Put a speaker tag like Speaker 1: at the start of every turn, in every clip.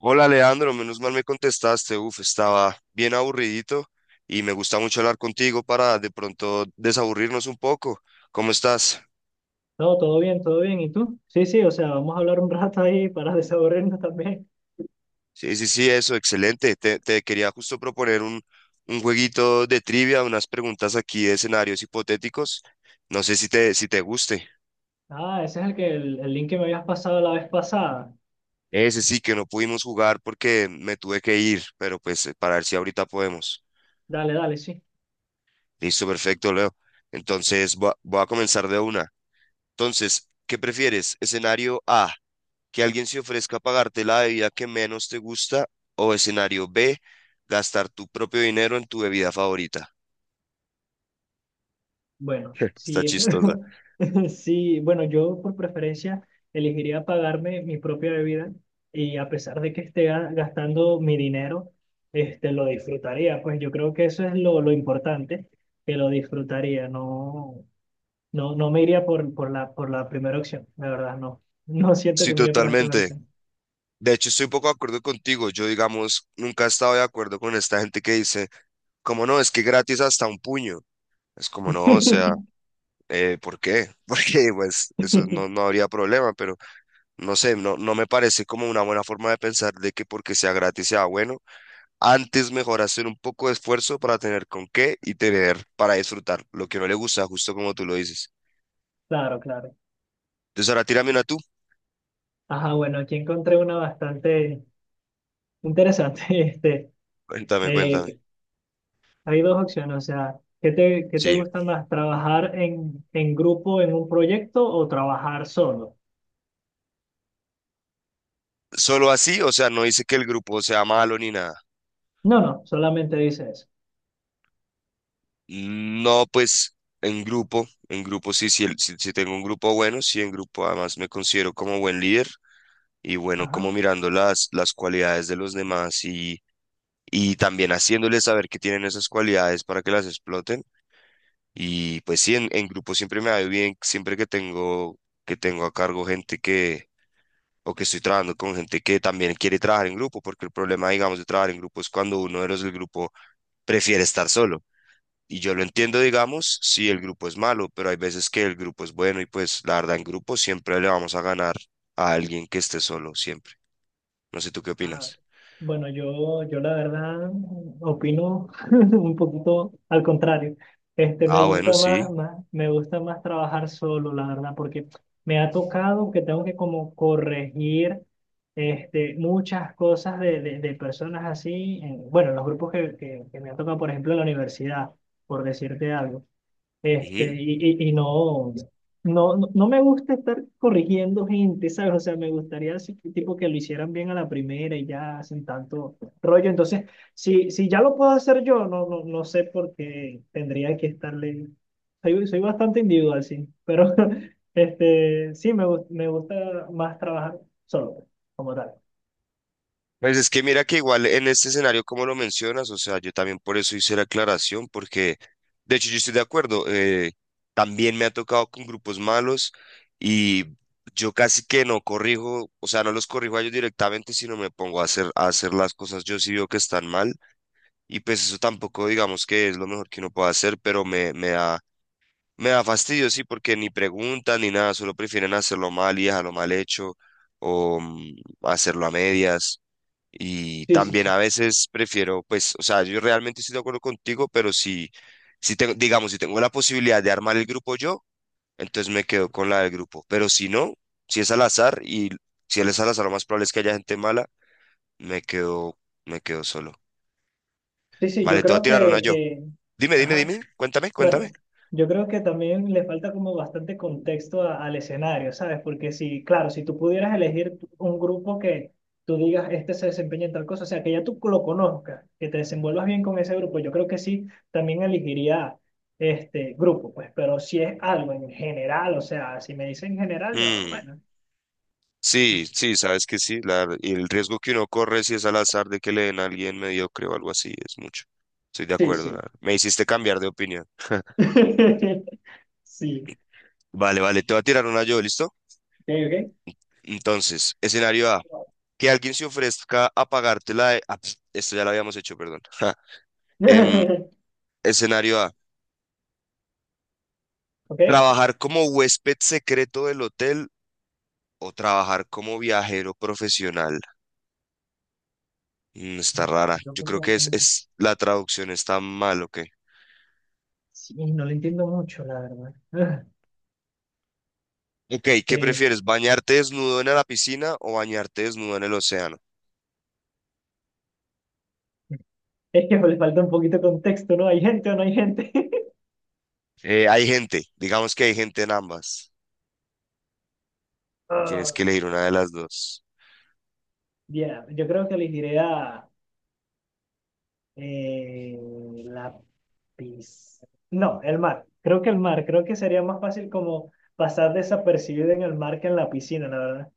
Speaker 1: Hola Leandro, menos mal me contestaste. Uf, estaba bien aburridito y me gusta mucho hablar contigo para de pronto desaburrirnos un poco. ¿Cómo estás?
Speaker 2: No, todo bien, todo bien. ¿Y tú? Sí, sí, o sea, vamos a hablar un rato ahí para desaburrirnos también.
Speaker 1: Sí, sí, sí, eso, excelente. Te quería justo proponer un jueguito de trivia, unas preguntas aquí de escenarios hipotéticos. No sé si te guste.
Speaker 2: Ah, ese es el que el link que me habías pasado la vez pasada.
Speaker 1: Ese sí que no pudimos jugar porque me tuve que ir, pero pues para ver si ahorita podemos.
Speaker 2: Dale, dale, sí.
Speaker 1: Listo, perfecto, Leo. Entonces voy a comenzar de una. Entonces, ¿qué prefieres? Escenario A, que alguien se ofrezca a pagarte la bebida que menos te gusta, o escenario B, gastar tu propio dinero en tu bebida favorita.
Speaker 2: Bueno,
Speaker 1: Está
Speaker 2: sí,
Speaker 1: chistosa.
Speaker 2: sí, bueno, yo por preferencia elegiría pagarme mi propia bebida y a pesar de que esté gastando mi dinero, lo disfrutaría. Pues yo creo que eso es lo importante, que lo disfrutaría. No, no, no me iría por la primera opción, la verdad, no. No siento
Speaker 1: Sí,
Speaker 2: que me iría por la primera
Speaker 1: totalmente.
Speaker 2: opción.
Speaker 1: De hecho, estoy poco de acuerdo contigo. Yo, digamos, nunca he estado de acuerdo con esta gente que dice, como no, es que gratis hasta un puño. Es como no, o sea, ¿por qué? Porque pues eso no, no habría problema, pero no sé, no, no me parece como una buena forma de pensar de que porque sea gratis sea bueno. Antes mejor hacer un poco de esfuerzo para tener con qué y tener para disfrutar lo que no le gusta, justo como tú lo dices.
Speaker 2: Claro, claro.
Speaker 1: Entonces ahora tírame una tú.
Speaker 2: Ajá, bueno, aquí encontré una bastante interesante.
Speaker 1: Cuéntame,
Speaker 2: Eh,
Speaker 1: cuéntame.
Speaker 2: que- Hay dos opciones, o sea, qué te
Speaker 1: Sí.
Speaker 2: gusta más? ¿Trabajar en grupo en un proyecto o trabajar solo?
Speaker 1: Solo así, o sea, no dice que el grupo sea malo ni nada.
Speaker 2: No, no, solamente dice eso.
Speaker 1: No, pues en grupo sí, sí, sí, sí tengo un grupo bueno, sí, en grupo además me considero como buen líder y bueno, como
Speaker 2: Ajá.
Speaker 1: mirando las cualidades de los demás, y también haciéndoles saber que tienen esas cualidades para que las exploten. Y pues sí, en grupo siempre me va bien, siempre que tengo a cargo gente que, o que estoy trabajando con gente que también quiere trabajar en grupo, porque el problema, digamos, de trabajar en grupo es cuando uno de los del grupo prefiere estar solo. Y yo lo entiendo, digamos, si el grupo es malo, pero hay veces que el grupo es bueno y pues la verdad en grupo siempre le vamos a ganar a alguien que esté solo, siempre. No sé, ¿tú qué
Speaker 2: Ah,
Speaker 1: opinas?
Speaker 2: bueno, yo la verdad opino un poquito al contrario. Me
Speaker 1: Ah, bueno,
Speaker 2: gusta
Speaker 1: sí.
Speaker 2: más, más, me gusta más trabajar solo, la verdad, porque me ha tocado que tengo que como corregir muchas cosas de personas así, bueno, en los grupos que me ha tocado, por ejemplo, en la universidad, por decirte algo. Este, y, y, y no, no me gusta estar corrigiendo gente, ¿sabes? O sea, me gustaría así que, tipo que lo hicieran bien a la primera y ya sin tanto rollo. Entonces, si, si ya lo puedo hacer yo, no, no, no sé por qué tendría que estarle. Soy, soy bastante individual, sí, pero sí, me gusta más trabajar solo, como tal.
Speaker 1: Pues es que mira que igual en este escenario, como lo mencionas, o sea, yo también por eso hice la aclaración, porque de hecho yo estoy de acuerdo, también me ha tocado con grupos malos y yo casi que no corrijo, o sea, no los corrijo a ellos directamente, sino me pongo a hacer las cosas yo sí veo que están mal y pues eso tampoco digamos que es lo mejor que uno pueda hacer, pero me da fastidio, sí, porque ni preguntan ni nada, solo prefieren hacerlo mal y dejarlo mal hecho o hacerlo a medias. Y
Speaker 2: Sí, sí,
Speaker 1: también
Speaker 2: sí.
Speaker 1: a veces prefiero, pues, o sea, yo realmente estoy de acuerdo contigo, pero si, si tengo, digamos, si tengo la posibilidad de armar el grupo yo, entonces me quedo con la del grupo. Pero si no, si es al azar y si él es al azar, lo más probable es que haya gente mala, me quedo, me quedo solo.
Speaker 2: Sí, sí, yo
Speaker 1: Vale, te voy a
Speaker 2: creo
Speaker 1: tirar una yo. Dime, dime,
Speaker 2: ajá.
Speaker 1: dime, cuéntame, cuéntame.
Speaker 2: Bueno, yo creo que también le falta como bastante contexto al escenario, ¿sabes? Porque si, claro, si tú pudieras elegir un grupo que tú digas, este se desempeña en tal cosa, o sea, que ya tú lo conozcas, que te desenvuelvas bien con ese grupo, yo creo que sí, también elegiría este grupo, pues, pero si es algo en general, o sea, si me dicen en general, yo,
Speaker 1: Mm,
Speaker 2: bueno,
Speaker 1: sí, sí, sabes que sí, y el riesgo que uno corre si es al azar de que le den a alguien mediocre o algo así es mucho. Estoy de
Speaker 2: sí,
Speaker 1: acuerdo,
Speaker 2: sí.
Speaker 1: me hiciste cambiar de opinión.
Speaker 2: Sí,
Speaker 1: Vale, vale, te voy a tirar una yo, ¿listo?
Speaker 2: ok,
Speaker 1: Entonces, escenario A,
Speaker 2: ok.
Speaker 1: que alguien se ofrezca a pagarte la... esto ya lo habíamos hecho, perdón. Em, escenario A,
Speaker 2: Ok.
Speaker 1: trabajar como huésped secreto del hotel o trabajar como viajero profesional. Mm, está rara.
Speaker 2: Yo
Speaker 1: Yo creo que
Speaker 2: profesional.
Speaker 1: es la traducción está mal, ¿ok?
Speaker 2: Sí, no lo entiendo mucho, la verdad.
Speaker 1: Ok, ¿qué
Speaker 2: Eh,
Speaker 1: prefieres? ¿Bañarte desnudo en la piscina o bañarte desnudo en el océano?
Speaker 2: es que le falta un poquito de contexto, ¿no? ¿Hay gente o no hay gente?
Speaker 1: Hay gente, digamos que hay gente en ambas. Tienes
Speaker 2: Ah,
Speaker 1: que elegir una de las dos.
Speaker 2: ya, yo creo que elegiré eh, la pis- no, el mar. Creo que el mar. Creo que sería más fácil como pasar desapercibido en el mar que en la piscina, la verdad.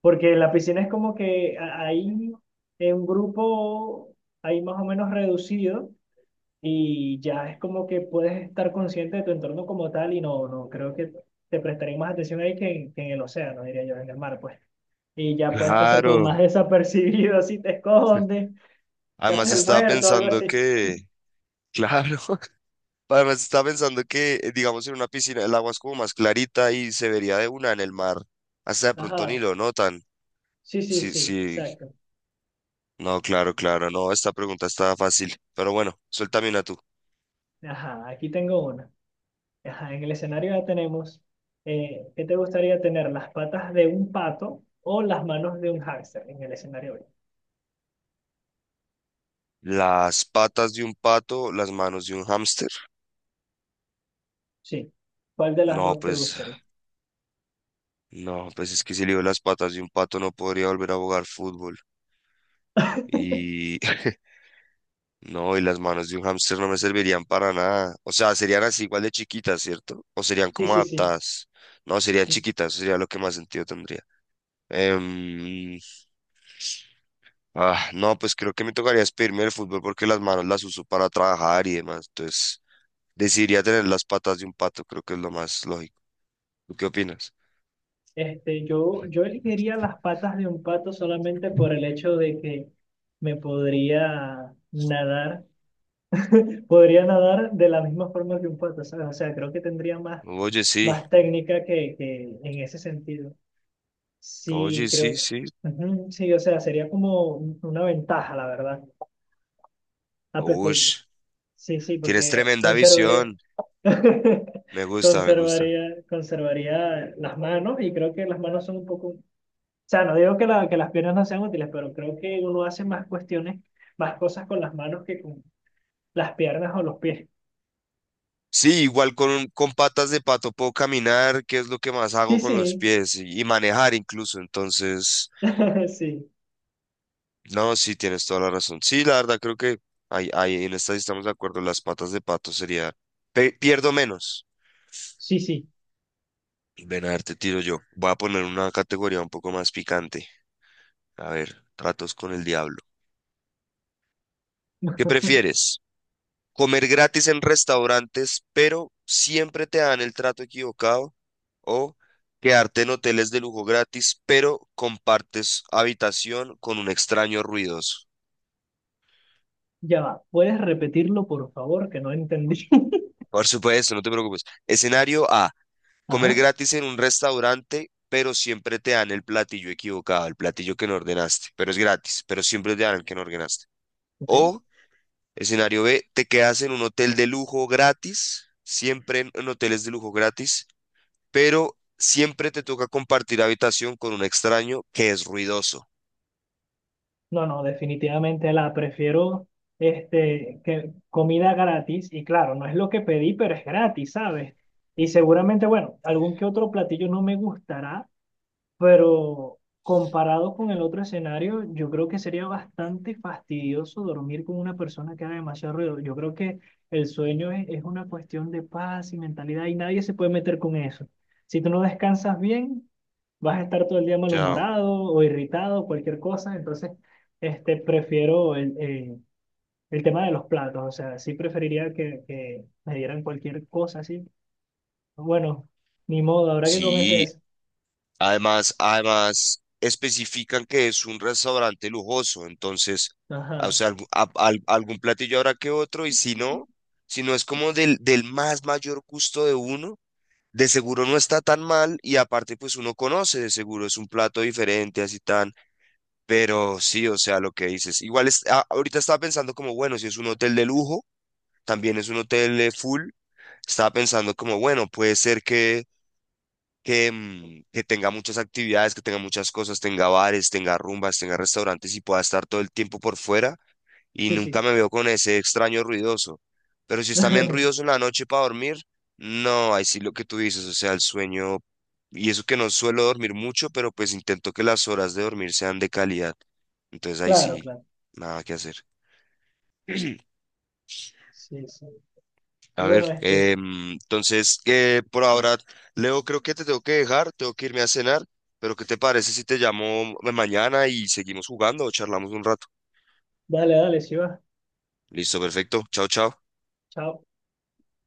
Speaker 2: Porque en la piscina es como que ahí en un grupo, ahí más o menos reducido. Y ya es como que puedes estar consciente de tu entorno como tal y no, no, creo que te prestaré más atención ahí que en el océano, diría yo, en el mar, pues. Y ya puedes pasar como
Speaker 1: Claro.
Speaker 2: más desapercibido si te escondes, te
Speaker 1: Además
Speaker 2: haces el
Speaker 1: estaba
Speaker 2: muerto, algo
Speaker 1: pensando
Speaker 2: así.
Speaker 1: que, claro, además estaba pensando que, digamos, en una piscina el agua es como más clarita y se vería de una en el mar. Hasta de pronto ni
Speaker 2: Ajá,
Speaker 1: lo notan.
Speaker 2: sí, sí,
Speaker 1: Sí,
Speaker 2: sí,
Speaker 1: sí,
Speaker 2: exacto.
Speaker 1: no, claro, claro, no, esta pregunta está fácil. Pero bueno, suéltame una tú.
Speaker 2: Ajá, aquí tengo una. Ajá, en el escenario ya tenemos, ¿qué te gustaría tener? ¿Las patas de un pato o las manos de un hámster en el escenario hoy?
Speaker 1: Las patas de un pato, las manos de un hámster.
Speaker 2: Sí, ¿cuál de las
Speaker 1: No,
Speaker 2: dos te
Speaker 1: pues,
Speaker 2: gustaría?
Speaker 1: no, pues es que si le digo las patas de un pato no podría volver a jugar fútbol. Y no, y las manos de un hámster no me servirían para nada. O sea, serían así igual de chiquitas, ¿cierto? O serían
Speaker 2: Sí,
Speaker 1: como
Speaker 2: sí, sí.
Speaker 1: adaptadas. No, serían chiquitas, sería lo que más sentido tendría. Em, no, pues creo que me tocaría expedirme el fútbol porque las manos las uso para trabajar y demás. Entonces, decidiría tener las patas de un pato, creo que es lo más lógico. ¿Tú qué opinas?
Speaker 2: Yo elegiría las patas de un pato solamente por el hecho de que me podría nadar de la misma forma que un pato, ¿sabes? O sea, creo que tendría más,
Speaker 1: Oye, sí,
Speaker 2: más técnica que en ese sentido.
Speaker 1: oye,
Speaker 2: Sí,
Speaker 1: sí,
Speaker 2: creo,
Speaker 1: sí.
Speaker 2: ujú, sí, o sea, sería como una ventaja, la verdad. Ah, pues,
Speaker 1: Uy,
Speaker 2: porque, sí, sí,
Speaker 1: tienes
Speaker 2: porque
Speaker 1: tremenda
Speaker 2: conservaría,
Speaker 1: visión. Me gusta, me gusta.
Speaker 2: conservaría, conservaría las manos y creo que las manos son un poco. O sea, no digo que, que las piernas no sean útiles, pero creo que uno hace más cuestiones, más cosas con las manos que con las piernas o los pies.
Speaker 1: Sí, igual con patas de pato puedo caminar, que es lo que más hago
Speaker 2: Sí,
Speaker 1: con los
Speaker 2: sí,
Speaker 1: pies y manejar incluso. Entonces,
Speaker 2: sí,
Speaker 1: no, sí, tienes toda la razón. Sí, la verdad creo que ahí en esta sí estamos de acuerdo. Las patas de pato sería, pierdo menos.
Speaker 2: sí, sí.
Speaker 1: Ven a ver, te tiro yo. Voy a poner una categoría un poco más picante. A ver, tratos con el diablo. ¿Qué prefieres? Comer gratis en restaurantes, pero siempre te dan el trato equivocado, o quedarte en hoteles de lujo gratis, pero compartes habitación con un extraño ruidoso.
Speaker 2: Ya va. ¿Puedes repetirlo, por favor? Que no entendí.
Speaker 1: Por supuesto, no te preocupes. Escenario A, comer
Speaker 2: Ajá,
Speaker 1: gratis en un restaurante, pero siempre te dan el platillo equivocado, el platillo que no ordenaste, pero es gratis, pero siempre te dan el que no ordenaste.
Speaker 2: ok.
Speaker 1: O escenario B, te quedas en un hotel de lujo gratis, siempre en hoteles de lujo gratis, pero siempre te toca compartir habitación con un extraño que es ruidoso.
Speaker 2: No, no, definitivamente la prefiero, que comida gratis. Y claro, no es lo que pedí, pero es gratis, ¿sabes? Y seguramente, bueno, algún que otro platillo no me gustará, pero comparado con el otro escenario, yo creo que sería bastante fastidioso dormir con una persona que haga demasiado ruido. Yo creo que el sueño es una cuestión de paz y mentalidad y nadie se puede meter con eso. Si tú no descansas bien, vas a estar todo el día
Speaker 1: Chao.
Speaker 2: malhumorado o irritado, cualquier cosa. Entonces, prefiero el tema de los platos. O sea, sí preferiría que me dieran cualquier cosa así. Bueno, ni modo, habrá que comerse
Speaker 1: Sí,
Speaker 2: eso.
Speaker 1: además, además especifican que es un restaurante lujoso, entonces, ah, o
Speaker 2: Ajá,
Speaker 1: sea, algún platillo habrá que otro, y si no, si no es como del más mayor gusto de uno, de seguro no está tan mal, y aparte, pues uno conoce, de seguro es un plato diferente, así tan, pero sí, o sea, lo que dices. Igual es, ahorita estaba pensando como, bueno, si es un hotel de lujo, también es un hotel full. Estaba pensando como, bueno, puede ser que que tenga muchas actividades, que tenga muchas cosas, tenga bares, tenga rumbas, tenga restaurantes y pueda estar todo el tiempo por fuera y
Speaker 2: sí,
Speaker 1: nunca
Speaker 2: sí.
Speaker 1: me veo con ese extraño ruidoso. Pero si está bien ruidoso en la noche para dormir, no, ahí sí lo que tú dices, o sea, el sueño, y eso que no suelo dormir mucho, pero pues intento que las horas de dormir sean de calidad. Entonces ahí
Speaker 2: Claro,
Speaker 1: sí,
Speaker 2: claro.
Speaker 1: nada que hacer.
Speaker 2: Sí, sí. Y
Speaker 1: A ver,
Speaker 2: bueno,
Speaker 1: entonces, por ahora, Leo, creo que te tengo que dejar, tengo que irme a cenar, pero ¿qué te parece si te llamo mañana y seguimos jugando o charlamos un rato?
Speaker 2: dale, dale, si va.
Speaker 1: Listo, perfecto. Chao, chao.
Speaker 2: Chao.